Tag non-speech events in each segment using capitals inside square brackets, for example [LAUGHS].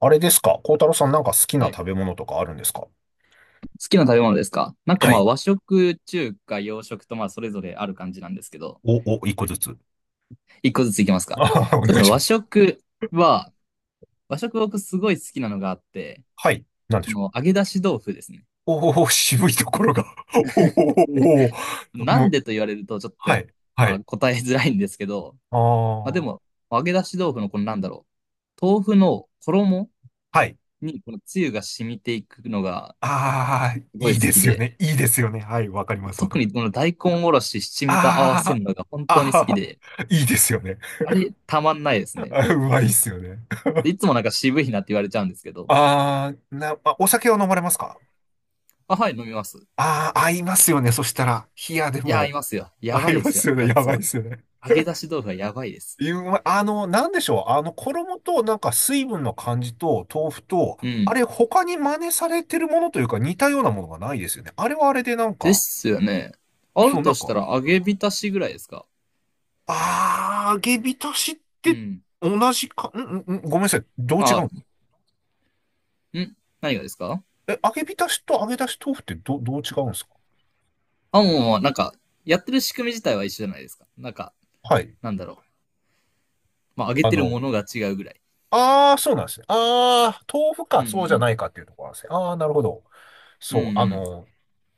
あれですか？孝太郎さん、なんか好きはない。食べ物とかあるんですか？好きな食べ物ですか。なんかはまい。あ和食、中華、洋食とまあそれぞれある感じなんですけど、一個ずつ。[LAUGHS] 一個ずついきますか。おそうで願すいね、しま和す。食は、和食僕すごい好きなのがあって、はい。なんでこしょの揚げ出し豆腐ですね。う？おお、[LAUGHS] 渋いところが。[LAUGHS] おお、おおなもんう、でと言われるとちょっはとい。はまあい。答えづらいんですけど、あまあであ、も揚げ出し豆腐のこのなんだろう、豆腐の衣はい。にこのつゆが染みていくのがああ、いすごいい好できすよで、ね。いいですよね。はい。わかります。わか特りまにこのす。大根おろし、七味と合わせあるのが本あ、当に好きあで、あ、[LAUGHS] いいですよね。あれたまんないです [LAUGHS] ね。あうまいっすよね。いつもなんか渋いなって言われちゃうんですけど、ああ、お酒を飲まれますか？あ、はい、飲みます。ああー、合いますよね。そしたら、冷やでいや、いも、ますよ。や合ばいいでますよ、すよね。ややつばいっは。すよね。揚げ出し豆腐はやばいです。うまい、なんでしょう。衣と、なんか水分の感じと、豆腐と、うあん。れ、他に真似されてるものというか、似たようなものがないですよね。あれはあれで、なんでか、すよね。あるそう、なとんしたか、ら揚げ浸しぐらいですか？揚げ浸しっうてん。同じか。ごめんなさい。どう違うあ、の？ん何がですか？え、揚げ浸しと揚げ出し豆腐ってどう違うんですか？あ、もうもう、なんか、やってる仕組み自体は一緒じゃないですか。なんか、はい。なんだろう。まあ、揚げあてるの、ものが違うぐらい。そうなんですね。豆腐うか、んうそうじゃなん。いかっていうところなんですね。なるほど。うんうそう、ん。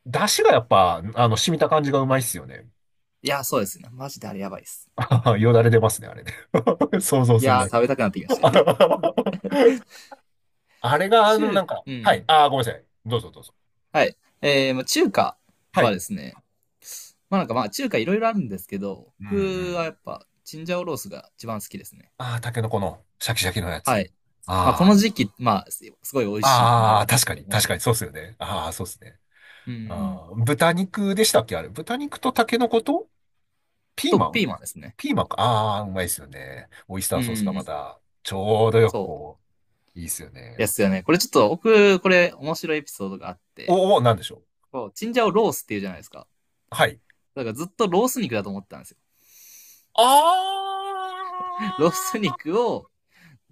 出汁がやっぱ、染みた感じがうまいっすよね。いや、そうですね。マジであれやばいです。[LAUGHS] ああ、よだれ出ますね、あれね。[LAUGHS] 想像いするやー、だけ。食べたくなってきました。[LAUGHS] あれが、な中、んか、うはい。ん。ああ、ごめんなさい。どうぞどうぞ。はい。まあ中華ははい。ですね、まあなんかまあ中華いろいろあるんですけど、うんう僕はん。やっぱチンジャオロースが一番好きですね。ああ、タケノコのシャキシャキのやはつ。い。まあこあの時期、まあすごい美味しいってのはああ、あるあ、んで確すけかど、に、もち確かろに、ん。そうっすよね。ああ、そうっすね。うん。ああ、豚肉でしたっけあれ。豚肉とタケノコとピーと、マピン。ーマンですね。ピーマンか。ああ、うまいっすよね。オイスタうーソースがまん。た、ちょうどよくそう。いいっすよでね。すよね。これちょっと僕、これ面白いエピソードがあって、おお、なんでしょう？こう、チンジャオロースっていうじゃないですか。はい。だからずっとロース肉だと思ってたんですよ。あ [LAUGHS] ロースあ肉を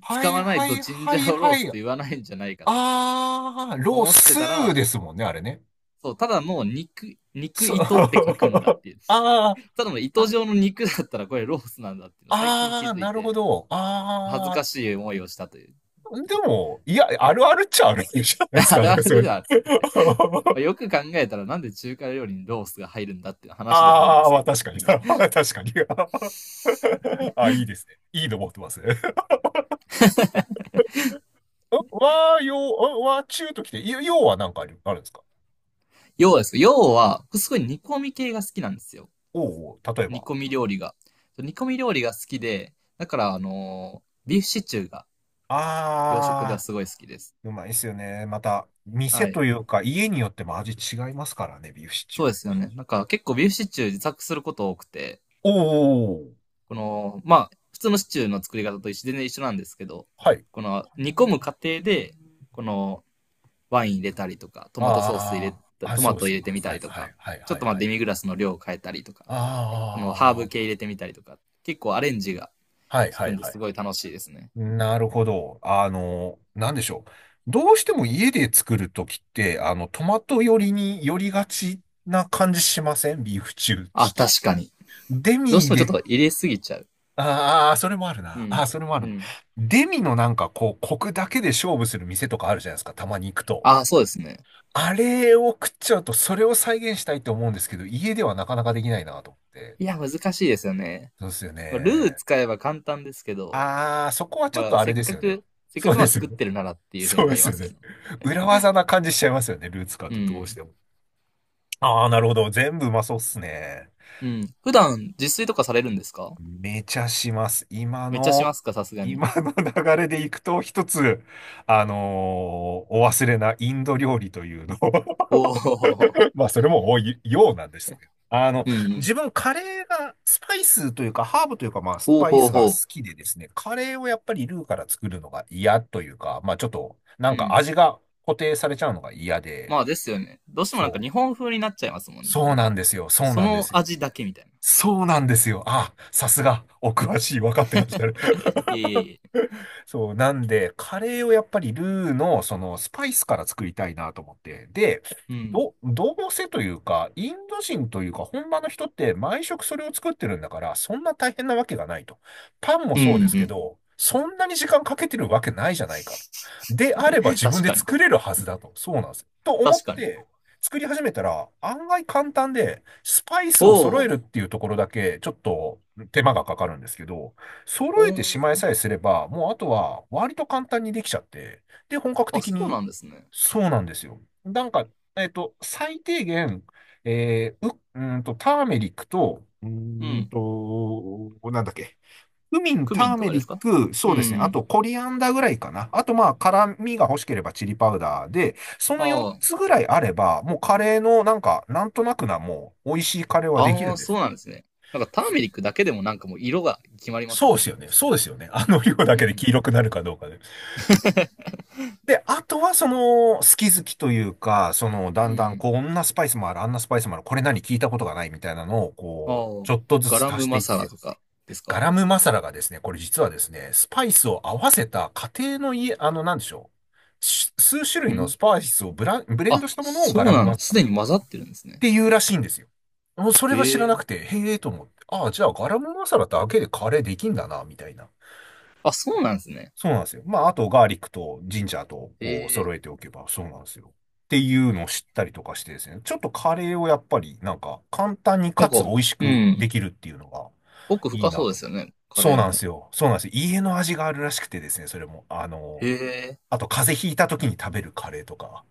は使いわないはといチンはジいャオローはスとい。言わないんじゃないかとロー思ってスたーら、ですもんね、あれね。そう、ただもう肉、肉そう。糸って書くんだっ [LAUGHS] ていう。あー、ただの糸あ、状の肉だったらこれロースなんだっていうの最近気づいなるほて、ど。恥ずかしい思いをしたという。でも、いや、あるあるっちゃあるじゃない [LAUGHS] ですあか、れなんあかれそれ。では、[LAUGHS] よく考えたらなんで中華料理にロースが入るんだっていう話であるんですまけあど。確かに。[LAUGHS] 確かに。[LAUGHS] あ、いいですね。いいの持ってますね。[LAUGHS] わー、よう、わ中ときて、ようはなんかあるんですか？要です。要は、すごい煮込み系が好きなんですよ。おうおう、例え煮ば。込み料理が。煮込み料理が好きで、だからビーフシチューが洋食ではあすー。ごい好きです。うまいっすよね。また、店はい。というか、家によっても味違いますからね、ビーフシチュそうー。ですよね。なんか結構ビーフシチュー自作すること多くて、おー、この、まあ、普通のシチューの作り方と一緒全然一緒なんですけど、はい。この煮込む過程で、このワイン入れたりとか、トマトソース入あれー、た、トそマうでトす入れね。てみたはりいとはか、いはいちょはっいとまあはデい。ミグラスの量を変えたりとか、このハーブあ系あ入れてみたりとか、結構アレンジがはい効はくいんではすい。ごい楽しいですね。なるほど。なんでしょう。どうしても家で作るときって、トマト寄りに寄りがちな感じしませんビーフシチュー、あ、シチ確かに。ュー。デどうしミてもちょっでと入れすぎちゃう。ああ、それもあるうな。あん。あ、それもあうる。ん。デミのなんかコクだけで勝負する店とかあるじゃないですか。たまに行くと。あ、そうですね。あれを食っちゃうと、それを再現したいと思うんですけど、家ではなかなかできないなと思って。いや、難しいですよね。そうですよまあルーね。使えば簡単ですけど、ああ、そこはちょっまとあ、あせれっですかよね。く、せっかそうくまであすよ作っね。てるならっていう風そにうなでりすまよすよね。ね。裏技な感じしちゃいますよね。ルーツカーうとどうしん。ても。ああ、なるほど。全部うまそうっすね。うん。普段、自炊とかされるんですか？めちゃします。今めっちゃしの、ますか、さすがに。今の [LAUGHS] 流れでいくと、一つ、あのお忘れなインド料理というのを [LAUGHS] おお。まあ、それも多いようなんですけど。うんうん。自分、カレーが、スパイスというか、ハーブというか、まあ、スほうパイほスうが好ほきでですね、カレーをやっぱりルーから作るのが嫌というか、まあ、ちょっと、なう。んうかん。味が固定されちゃうのが嫌で、まあですよね。どうしてもなんかそ日う。本風になっちゃいますもんね。そなうんなんか、ですよ。そうそなんでのすよ。味だけみたいな。そうなんですよ。あ、さすが、お詳しい、分かってらっしゃる。[LAUGHS] いえ [LAUGHS] いえいえ。そう、なんで、カレーをやっぱりルーの、スパイスから作りたいなと思って。で、うん。どうせというか、インド人というか、本場の人って毎食それを作ってるんだから、そんな大変なわけがないと。パンもうそうですけんど、そんなに時間かけてるわけないじゃないかと。であればうん。自分確でかに。作れるはずだと。そうなんですよ。と思確っかに。て、作り始めたら、案外簡単で、スパイスおを揃えお。るっていうところだけ、ちょっと手間がかかるんですけど、お揃えてしまいー、さえすれば、もうあとは割と簡単にできちゃって、で、本格あ、的そうに、なんですね。そうなんですよ。なんか、最低限、ターメリックと、うん。なんだっけ。クミン、クタミンーとメかでリすッか？ク、そううですね。あん。と、コリアンダーぐらいかな。あと、まあ、辛味が欲しければチリパウダーで、その4ああ。つぐらいあれば、もうカレーの、なんか、なんとなくな、もう、美味しいカレーはできあるんあ、でそす。うなんですね。なんかターメリックだけでもなんかもう色が決まりますもそうんでね。すよね。そうですよね。[LAUGHS] 量だうけでん。黄色くなるかどうかで。で、あとは好き好きというか、だうんだんん。こんなスパイスもある、あんなスパイスもある、これ何聞いたことがないみたいなのを、ああ、ちょっとずガラつ足ムしてマいっサラて、とかですガか？ラムマサラがですね、これ実はですね、スパイスを合わせた家庭の家、なんでしょう。数種う類のん。スパイスをブレンあ、ドしたものをそガうラムなんマだ。サラすっでに混ざってるんですね。ていうらしいんですよ。もうそれが知へらなえ。くて、へえと思って、ああ、じゃあガラムマサラだけでカレーできんだな、みたいな。あ、そうなんですね。そうなんですよ。まあ、あと、ガーリックとジンジャーと、へえ。揃えておけば、そうなんですよ。っていうのを知ったりとかしてですね。ちょっとカレーをやっぱり、なんか、簡単になかんか、つ美味しうくでん。きるっていうのが、奥いい深なそうでと。すよね。カそうレーなんでも。すよ。そうなんですよ。家の味があるらしくてですね、それも。へえ。あと、風邪ひいた時に食べるカレーとか。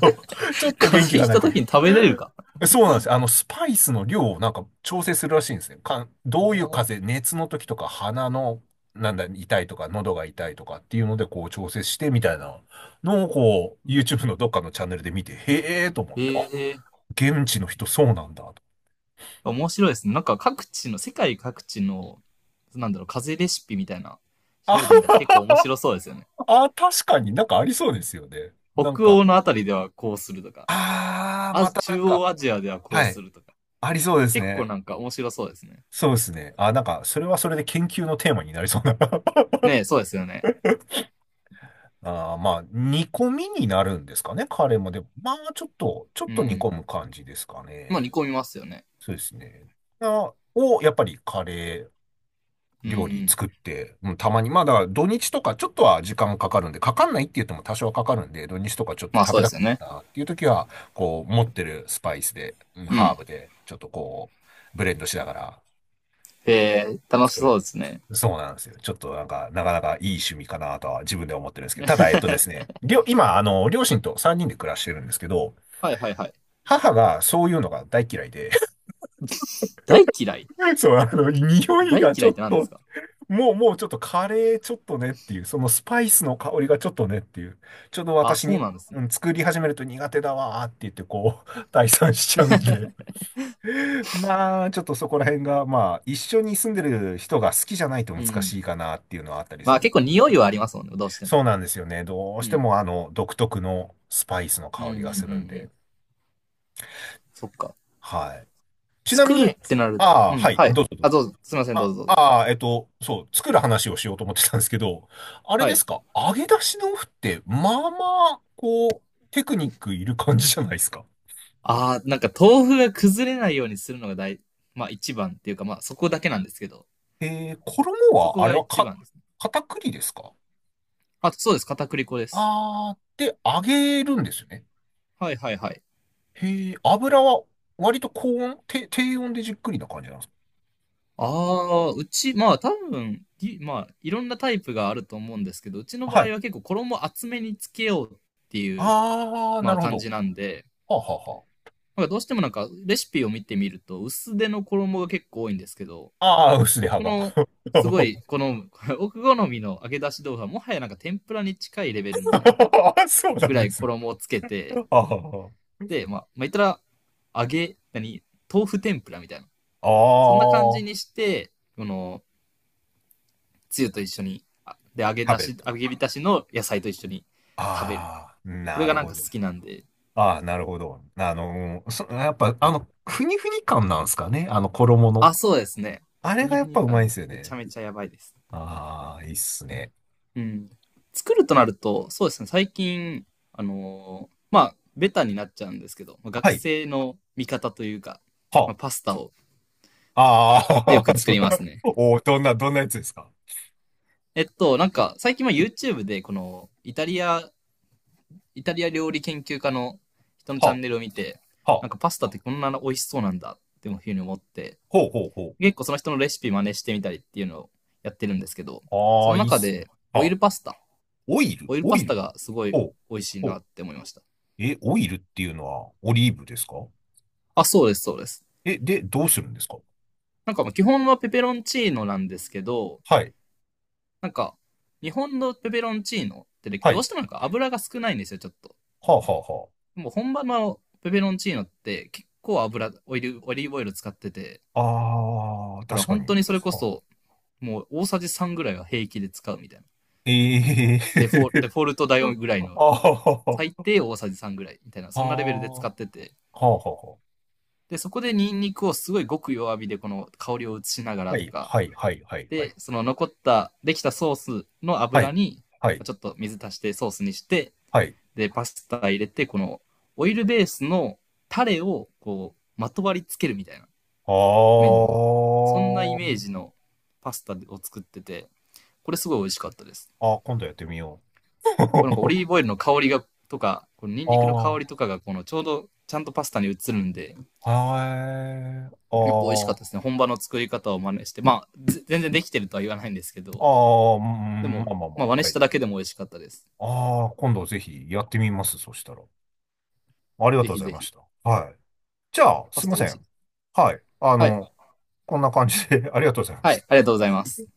と、ちょっ [LAUGHS] と風邪元気ひがいないたとい時う。に食べれるか。そうなんですよ。スパイスの量をなんか調整するらしいんですね。どういうお風ー。邪、熱の時とか鼻の、なんだ、痛いとか、喉が痛いとかっていうので、調整してみたいなのを、うんうん。YouTube のどっかのチャンネルで見て、へえーと思っへて、あ、え。現地の人そうなんだと。面白いですね。なんか各地の、世界各地の、なんだろう、風邪レシピみたいな、調べてみたら結構あ、面白そうですよね。あ、確かになんかありそうですよね。なん北欧か、のあたりではこうするとか、あー、あ、またなん中か、央アジアではこうはすい、るとか。ありそうです結構ね。なんか面白そうですね。そうですね。あ、なんか、それはそれで研究のテーマになりそうな。[LAUGHS] ねえ、そうですよね。ああ、まあ、煮込みになるんですかね、カレーも。でも、まあ、ちょっと、う煮込ん。む感じですかまあ煮ね。込みますよね。そうですね。あ、やっぱりカレーう料理ん。作って、うん、たまに、まあ、だから土日とかちょっとは時間かかるんで、かかんないって言っても多少はかかるんで、土日とかちょっとまあ食そうべでたすかよっね。たなっていう時は、持ってるスパイスで、うハーん。ブで、ちょっとブレンドしながらえー、楽し作そる。うですね。そうなんですよ。ちょっとなんか、なかなかいい趣味かなとは自分で思ってるんですけど、ただ、えっとです [LAUGHS] ね、りょ、今、両親と3人で暮らしてるんですけど、はいはいはい。母がそういうのが大嫌いで、大嫌い [LAUGHS] そう、匂い大がち嫌いょっって何ですと、か？もう、もうちょっとカレーちょっとねっていう、そのスパイスの香りがちょっとねっていう、ちょっとあ、私そに、うなんですうん、ね。作り始めると苦手だわーって言って、[LAUGHS] 退散しちゃうんで。まあ、ちょっとそこら辺が、まあ、一緒に住んでる人が好きじゃないとう難ん。しいかなっていうのはあったりますある。結構匂いはありますもんね、どうしてそうも。なんですよね。どううしてん。も独特のスパイスのうんう香んうりんうがするんで。ん。そっか。はい。ちなみ作るっに、てなると。あうあ、ん。はい、はい。どうぞどうあ、ぞ。どうぞ。すいません、どうぞどうぞ。そう、作る話をしようと思ってたんですけど、あれはでい。すか、揚げ出し豆腐って、あ、こう、テクニックいる感じじゃないですか。あー、なんか豆腐が崩れないようにするのが大、まあ一番っていうか、まあそこだけなんですけど、衣そこは、あれがは一か、番ですね。片栗ですか？あ、そうです。片栗粉です。ああー、で、揚げるんですよね。はいはいはい。へえ、油は、割と高温、低温でじっくりな感じなんですか？ああ、うち、まあ多分、まあいろんなタイプがあると思うんですけど、うちの場は合い。は結構衣厚めにつけようっていう、ああ、まなあるほ感じど。なんで、はあはあはなんかどうしてもなんかレシピを見てみると薄手の衣が結構多いんですけど、あ。ああ、薄れ歯僕が。のすごいこの [LAUGHS] 奥好みの揚げ出し豆腐はもはやなんか天ぷらに近いレベルの [LAUGHS] そうなぐんらでいすね。衣をつけて、ああ、で、まあ、まあ、言ったら揚げ、何豆腐天ぷらみたいな。そんな感あじにあして、この、つゆと一緒に、で、揚げ食出べるし、と。揚げ浸しの野菜と一緒に食べる。ああ、これながるなんほか好ど。きなんで。ああ、なるほど。やっぱ、ふにふに感なんですかね。衣の。あ、そうですね。あふれがにやふっにぱう感まいんがですよめちゃね。めちゃやばいです。ああ、いいっすね。うん。作るとなると、そうですね、最近、まあ、ベタになっちゃうんですけど、は学い。生の味方というか、まはあ、パスタをあ。よああ、[LAUGHS] く作そう。りますね。おーどんなやつですか？なんか、最近は YouTube で、この、イタリア料理研究家の人のチャはンネルを見て、あ、はあ、なんかパスタってこんな美味しそうなんだっていうふうに思って、ほうほうほ結構その人のレシピ真似してみたりっていうのをやってるんですけど、う。そああ、のいいっ中す。でオはイあ、ルパスタ、オイル、オイルオパイスタル。がすごほいう美味しいほなうって思いました。え、オイルっていうのはオリーブですか？あ、そうです、そうです。え、で、どうするんですか？なんか基本はペペロンチーノなんですけど、はい。なんか日本のペペロンチーノってねはどうい。してもなんか油が少ないんですよ、ちょっと。はあはもう本場のペペロンチーノって結構油、オイル、オリーブオイル使ってて、あはあ。あー、だから確か本に。当にそれこはあ、そもう大さじ3ぐらいは平気で使うみたいな。えデフォえデフォルト代ぐらいー [LAUGHS] のあはは最は低大さじ3ぐらいみたいな、あそんなレベルで使ーってて、はあはあはあ。で、そこでニンニクをすごいごく弱火でこの香りを移しながはらとい、か、はい、はい、はい、はで、い。その残った、できたソースのは油い、に、はい、ちょっと水足してソースにして、はい。で、パスタ入れて、このオイルベースのタレをこう、まとわりつけるみたいな、あ麺に。そんなイー。メージのパスタを作ってて、これすごい美味しかったです。あー、今度やってみよこれなんかオう。リー [LAUGHS] ブオイルの香りが、とか、このニンニクの香ありとかが、このちょうどちゃんとパスタに移るんで、あ、はい。やっぱ美味しかっあたですね。本場の作り方を真似して。まあ、全然できてるとは言わないんですけあ、ど、ああ、うでんも、まあまあままあ真あ、似はしい。ただけでも美味しかったです。ああ、今度ぜひやってみます、そしたら。ありがぜとうごひざいぜまひ。した。はい。じゃあ、パすスいまタ美せ味しい。ん。はい。はい。こんな感じで [LAUGHS] ありがとうございまはしい。た。ありがとうございます。